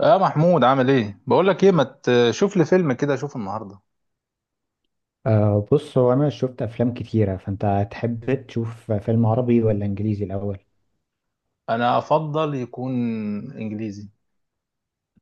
يا محمود، عامل ايه؟ بقول لك ايه، ما تشوف لي فيلم كده اشوف النهارده. بص هو أنا شفت أفلام كتيرة، فأنت تحب تشوف فيلم عربي ولا إنجليزي الأول؟ انا افضل يكون انجليزي.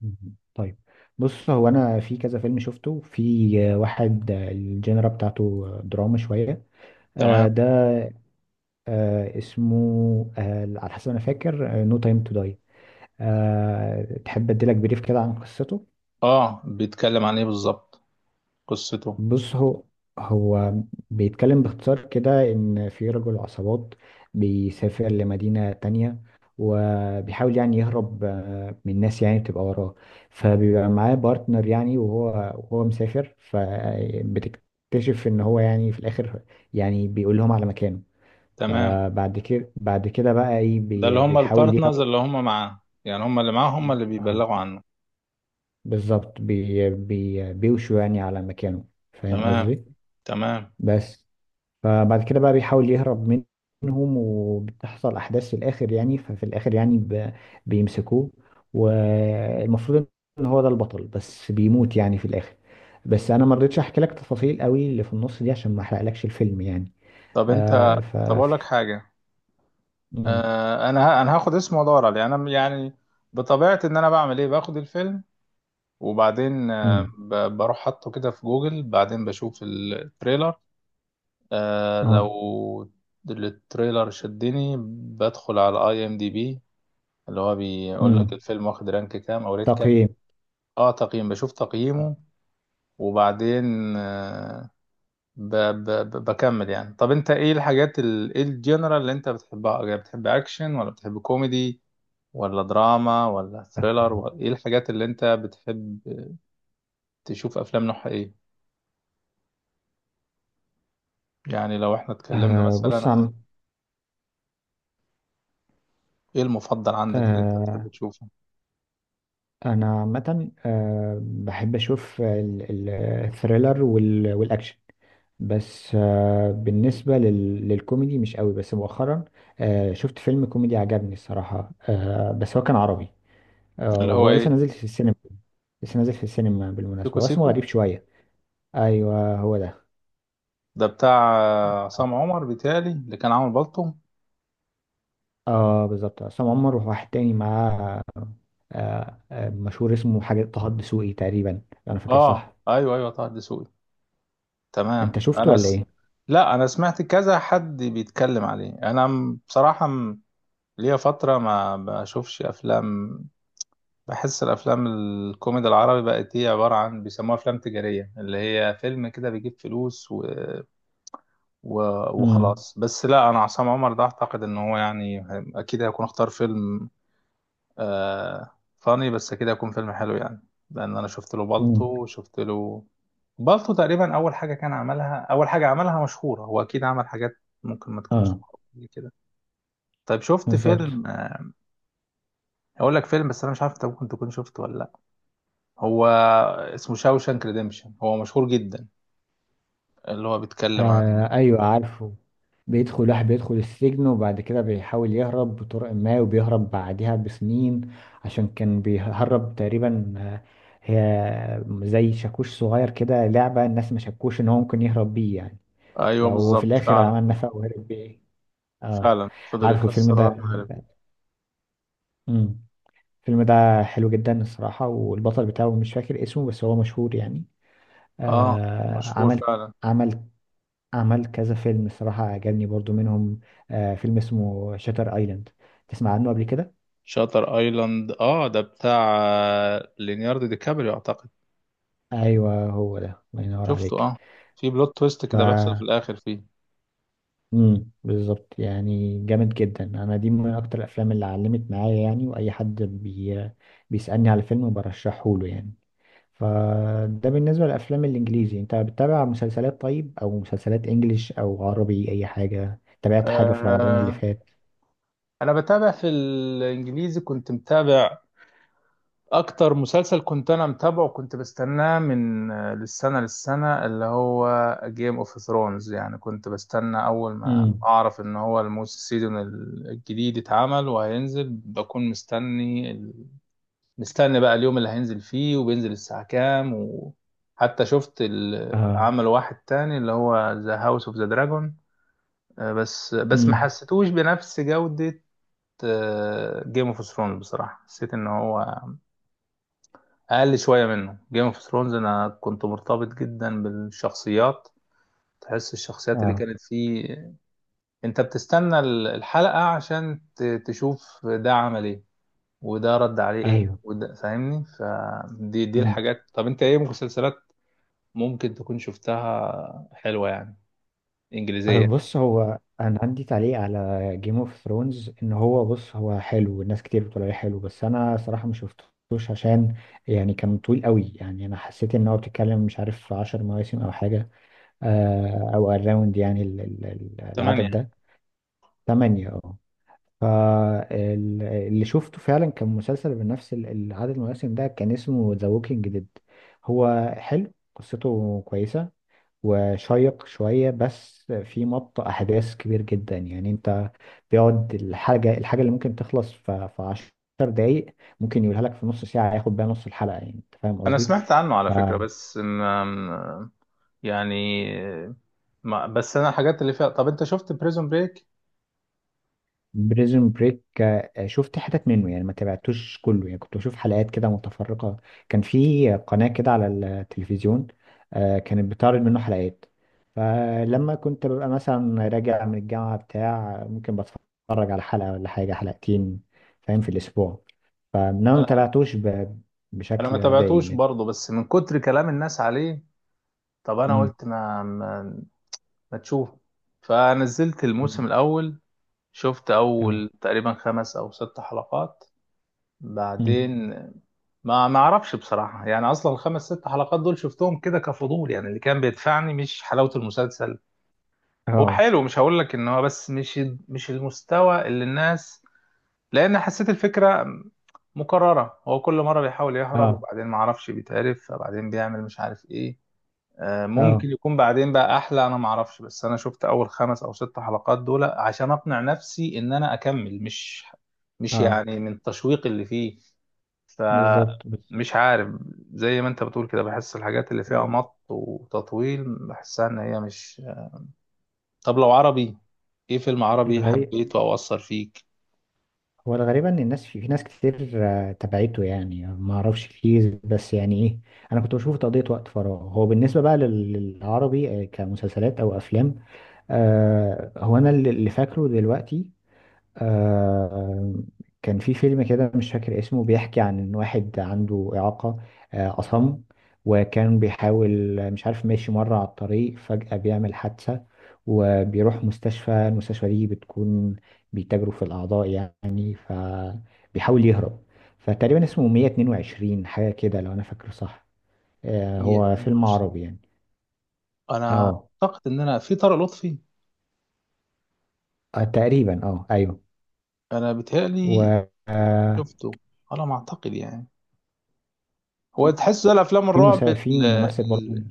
مم. طيب، بص هو أنا في كذا فيلم شفته، في واحد الجينرا بتاعته دراما شوية. تمام. ده اسمه على حسب ما أنا فاكر، نو تايم تو داي. No Time to Die. تحب أديلك بريف كده عن قصته؟ اه، بيتكلم عن ايه بالظبط؟ قصته. بص، هو بيتكلم باختصار كده إن في رجل عصابات بيسافر لمدينة تانية، وبيحاول يعني يهرب من الناس يعني بتبقى وراه. فبيبقى معاه بارتنر يعني، وهو مسافر، فبتكتشف إن هو يعني في الآخر يعني بيقول لهم على مكانه. تمام. فبعد كده بعد كده بقى إيه، ده اللي هم بيحاول البارتنرز يهرب. اللي هم معاه، يعني هم اللي معاه هم اللي اه، بيبلغوا عنه. بالظبط، بي بي بيوشوا يعني على مكانه. فاهم تمام، قصدي؟ تمام. بس فبعد كده بقى بيحاول يهرب منهم، وبتحصل أحداث في الآخر يعني. ففي الآخر يعني بيمسكوه، والمفروض إن هو ده البطل، بس بيموت يعني في الآخر. بس أنا ما رضيتش أحكي لك تفاصيل قوي اللي في النص دي عشان ما أحرقلكش الفيلم يعني. طب انت آه ف طب اقول لك حاجه. مم. انا هاخد اسمه وادور عليه، انا يعني بطبيعتي، ان انا بعمل ايه، باخد الفيلم وبعدين، مم. بروح حاطه كده في جوجل، بعدين بشوف التريلر. اه. لو التريلر شدني، بدخل على اي ام دي بي، اللي هو بيقول لك مم. الفيلم واخد رانك كام او ريت كام. تقييم. اه، تقييم، بشوف تقييمه. وبعدين آه ب ب ب بكمل يعني. طب انت ايه الحاجات، ايه الجنرال اللي انت بتحبها؟ يعني بتحب اكشن ولا بتحب كوميدي ولا دراما ولا ثريلر؟ ولا ايه الحاجات اللي انت بتحب تشوف افلام نوعها ايه؟ يعني لو احنا اتكلمنا مثلا بص عن ايه المفضل عندك اللي انت بتحب آه تشوفه. أنا عامة بحب أشوف الثريلر والأكشن. بس بالنسبة للكوميدي مش قوي، بس مؤخرا شفت فيلم كوميدي عجبني الصراحة، بس هو كان عربي، اللي هو وهو ايه؟ لسه نازل في السينما. لسه نازل في السينما سيكو بالمناسبة، واسمه سيكو. غريب شوية. أيوه، هو ده. ده بتاع عصام عمر، بيتهيألي اللي كان عامل بالطو. اه، بالظبط، عصام عمر وواحد تاني معاه، مشهور، اسمه حاجة طه الدسوقي تقريبا، لو أنا فاكر اه، صح. ايوه ايوه، طه الدسوقي. تمام. أنت شفته ولا إيه؟ لا، انا سمعت كذا حد بيتكلم عليه. بصراحة، ليا فترة ما بشوفش افلام. بحس الافلام الكوميدي العربي بقت هي عبارة عن بيسموها افلام تجارية، اللي هي فيلم كده بيجيب فلوس و... امم. وخلاص. بس لا، انا عصام عمر ده اعتقد ان هو يعني اكيد هيكون اختار فيلم آه فاني بس كده يكون فيلم حلو يعني. لان انا شفت له امم. بالطو وشفت له بالطو، تقريبا اول حاجه كان عملها، اول حاجه عملها مشهوره، هو اكيد عمل حاجات ممكن ما تكونش اه، معروفه زي كده. طيب، شفت بالظبط. فيلم، اقول لك فيلم، بس انا مش عارف انت ممكن تكون شفته ولا لا. هو اسمه شاوشانك ريديمشن، هو مشهور جدا. اللي هو بيتكلم عن... ايوه، عارفه. بيدخل واحد، بيدخل السجن وبعد كده بيحاول يهرب بطرق ما، وبيهرب بعدها بسنين. عشان كان بيهرب تقريبا هي زي شاكوش صغير كده، لعبة، الناس ما شكوش ان هو ممكن يهرب بيه يعني. ايوه، فهو في بالظبط، الاخر فعلا. عمل نفق وهرب بيه. اه، فعلا فضل عارفه الفيلم يكسر لغايه ده. ما عرف. امم. الفيلم ده حلو جدا الصراحة، والبطل بتاعه مش فاكر اسمه بس هو مشهور يعني. اه، آه مشهور عمل فعلا. عمل عمل كذا فيلم الصراحة، عجبني برضو منهم فيلم اسمه شاتر ايلاند. تسمع عنه قبل كده؟ شاتر ايلاند، اه، ده بتاع ليوناردو دي كابريو اعتقد. ايوه، هو ده، الله ينور شفته، عليك. اه. في بلوت تويست ف كده بيحصل في الاخر فيه. بالظبط، يعني جامد جدا. انا دي من اكتر الافلام اللي علمت معايا يعني، واي حد بيسألني على فيلم برشحه له يعني. فده بالنسبة للافلام الانجليزي. انت بتتابع مسلسلات طيب؟ او مسلسلات انجليش او عربي، اي حاجة، تابعت حاجة في رمضان اللي آه فات؟ انا بتابع في الانجليزي، كنت متابع اكتر مسلسل، كنت انا متابعه، كنت بستناه من للسنه، اللي هو جيم اوف ثرونز. يعني كنت بستنى اول ما امم. اعرف ان هو الموسم، السيزون الجديد اتعمل وهينزل، بكون مستني بقى اليوم اللي هينزل فيه وبينزل الساعه كام. وحتى شفت اه. عمل واحد تاني اللي هو ذا هاوس اوف ذا دراجون، بس ما امم. حسيتوش بنفس جودة جيم اوف ثرونز. بصراحة حسيت ان هو اقل شوية منه. جيم اوف ثرونز، انا كنت مرتبط جدا بالشخصيات، تحس الشخصيات اللي اه. كانت فيه، انت بتستنى الحلقة عشان تشوف ده عمل ايه وده رد عليه ايه ايوه. وده، فاهمني؟ فدي الحاجات. طب انت ايه مسلسلات ممكن تكون شفتها حلوة يعني، انجليزية؟ بص هو انا عندي تعليق على جيم اوف ثرونز، ان هو، بص، هو حلو والناس كتير بتقول عليه حلو، بس انا صراحة ما شفتوش عشان يعني كان طويل قوي يعني. انا حسيت ان هو، بتتكلم مش عارف في 10 مواسم او حاجة، او اراوند يعني تمام العدد يعني. ده، 8. اه، فاللي شفته فعلا كان مسلسل بنفس العدد المواسم ده، كان اسمه ذا ووكينج ديد. هو حلو، قصته كويسة وشيق شوية، بس في مط أحداث كبير جدا يعني. أنت بيقعد الحاجة اللي ممكن تخلص في عشر دقايق ممكن يقولها لك في نص ساعة، ياخد بيها نص الحلقة يعني. أنت فاهم انا قصدي؟ سمعت عنه على فكرة، بس يعني، ما بس انا الحاجات اللي فيها. طب انت شفت بريزون بريك؟ بريزون بريك شفت حتت منه يعني، ما تابعتوش كله يعني. كنت بشوف حلقات كده متفرقة، كان في قناة كده على التلفزيون كانت بتعرض منه حلقات. فلما كنت ببقى مثلا راجع من الجامعة بتاع ممكن بتفرج على حلقة ولا حاجة، حلقتين فاهم، في الأسبوع. فأنا ما انا تابعتوش انا ما بشكل دايم تابعتوش يعني. برضه، بس من كتر كلام الناس عليه، طب انا مم. قلت ما تشوف. فنزلت مم. الموسم الاول، شفت اه. اول تقريبا خمس او ست حلقات. مم. بعدين ما اعرفش بصراحة، يعني اصلا الخمس ست حلقات دول شفتهم كده كفضول يعني، اللي كان بيدفعني مش حلاوة المسلسل. هو اه. حلو، مش هقول لك ان هو، بس مش المستوى اللي الناس... لان حسيت الفكره مكرره، هو كل مره بيحاول يهرب اه. وبعدين ما اعرفش بيتعرف، فبعدين بيعمل مش عارف ايه. ممكن اه. يكون بعدين بقى احلى، انا ما اعرفش، بس انا شفت اول خمس او ست حلقات دول عشان اقنع نفسي ان انا اكمل، مش اه، يعني من التشويق اللي فيه، بالظبط، بالظبط. فمش عارف. زي ما انت بتقول كده، بحس الحاجات اللي فيها مط وتطويل، بحسها ان هي مش... طب لو عربي، ايه فيلم عربي الغي. حبيته او اثر فيك؟ هو الغريب ان الناس، في ناس كتير تبعته يعني ما اعرفش، كتير بس. يعني ايه، انا كنت بشوفه تقضية وقت فراغ. هو بالنسبة بقى للعربي، كمسلسلات او افلام، هو انا اللي فاكره دلوقتي آه كان في فيلم كده مش فاكر اسمه، بيحكي عن ان واحد عنده إعاقة، أصم، وكان بيحاول مش عارف، ماشي مرة على الطريق فجأة بيعمل حادثة، وبيروح مستشفى. المستشفى دي بتكون بيتاجروا في الأعضاء يعني، فبيحاول يهرب. فتقريبا اسمه 122، حاجة كده لو أنا فاكره صح. هو فيلم 122. عربي يعني. انا اه اعتقد ان انا، في طارق لطفي، تقريبا، اه، ايوه. انا و بيتهيألي آه، شفته على ما اعتقد يعني. هو في مسا... في ممثل برضه ال...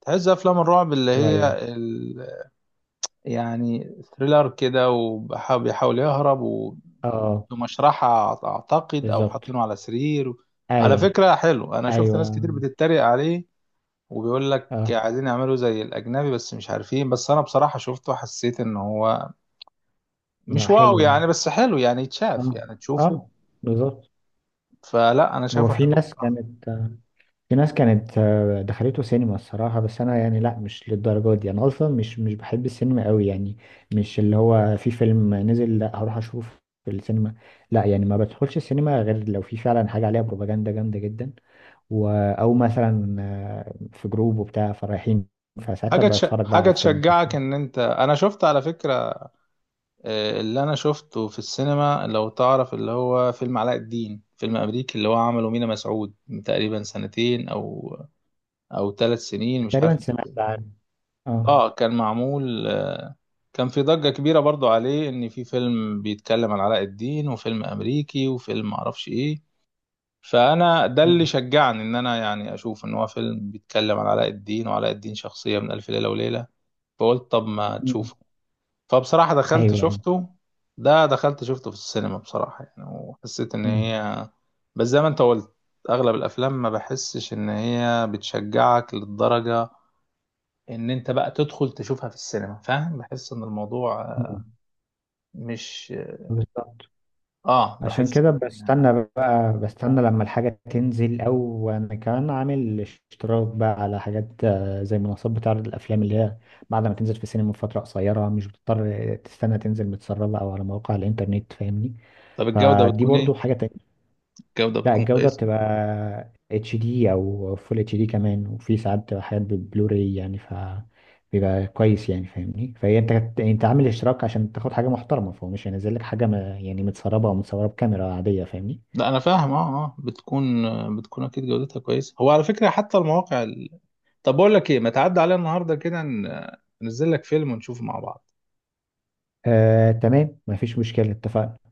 تحس ده افلام الرعب اللي هي، شوية. ال... يعني ثريلر كده، وبيحاول يهرب، اه، ومشرحة اعتقد، او بالظبط. حاطينه على سرير. على ايوه. فكرة حلو، انا شفت ناس ايوه. كتير بتتريق عليه، وبيقول لك اه. عايزين يعملوا زي الاجنبي بس مش عارفين، بس انا بصراحة شفته حسيت ان هو لا، مش واو حلو يعني. يعني، بس حلو يعني يتشاف، اه. يعني تشوفه. اه، بالظبط. فلا، انا هو شايفه في حلو ناس بصراحه. كانت في ناس كانت دخلته سينما الصراحة. بس أنا يعني لأ، مش للدرجة دي. أنا أصلا مش بحب السينما أوي يعني، مش اللي هو في فيلم نزل لأ هروح أشوف في السينما. لأ يعني ما بدخلش السينما غير لو في فعلا حاجة عليها بروباجندا جامدة جدا، أو مثلا في جروب وبتاع فرايحين، فساعتها بتفرج بقى على حاجه الفيلم في تشجعك السينما. ان انت... انا شفت على فكره، اللي انا شفته في السينما، لو تعرف، اللي هو فيلم علاء الدين، فيلم امريكي، اللي هو عمله مينا مسعود من تقريبا سنتين او 3 سنين، مش عارف. تقريبا سمعت عن، اه. اه، كان معمول، كان في ضجه كبيره برضو عليه، ان في فيلم بيتكلم عن علاء الدين، وفيلم امريكي، وفيلم معرفش ايه. فانا ده اللي مم. شجعني ان انا يعني اشوف ان هو فيلم بيتكلم عن علاء الدين، وعلاء الدين شخصيه من الف ليله وليله. فقلت طب ما مم. تشوفه. فبصراحة دخلت ايوه. شفته، ده دخلت شفته في السينما بصراحة يعني، وحسيت إن مم. هي، بس زي ما أنت قلت، أغلب الأفلام ما بحسش إن هي بتشجعك للدرجة إن أنت بقى تدخل تشوفها في السينما، فاهم؟ بحس إن الموضوع، مم. مش... بالظبط، عشان بحس كده إن، يعني، بستنى بقى، بستنى لما الحاجة تنزل. او انا كمان عامل اشتراك بقى على حاجات زي منصات بتعرض الافلام اللي هي بعد ما تنزل في السينما من فترة قصيرة، مش بتضطر تستنى تنزل متسربة او على مواقع الانترنت، فاهمني. طب الجودة فدي بتكون إيه؟ برضو حاجة. الجودة لا، بتكون الجودة كويسة؟ بتبقى اتش دي او فول اتش دي كمان، وفي ساعات بتبقى حاجات بالبلوراي يعني. بيبقى كويس يعني، فاهمني؟ فهي انت يعني انت عامل اشتراك عشان تاخد حاجة محترمة، فهو مش هينزل لك حاجة ما يعني متسربة او متصورة بكاميرا عادية، فاهمني. لا، أنا فاهم. بتكون، بتكون أكيد جودتها كويسة. هو على فكرة حتى المواقع... طب بقول لك ايه، ما تعدي عليا النهارده كده ننزل لك فيلم ونشوفه مع بعض. تمام، مفيش مشكلة، اتفقنا.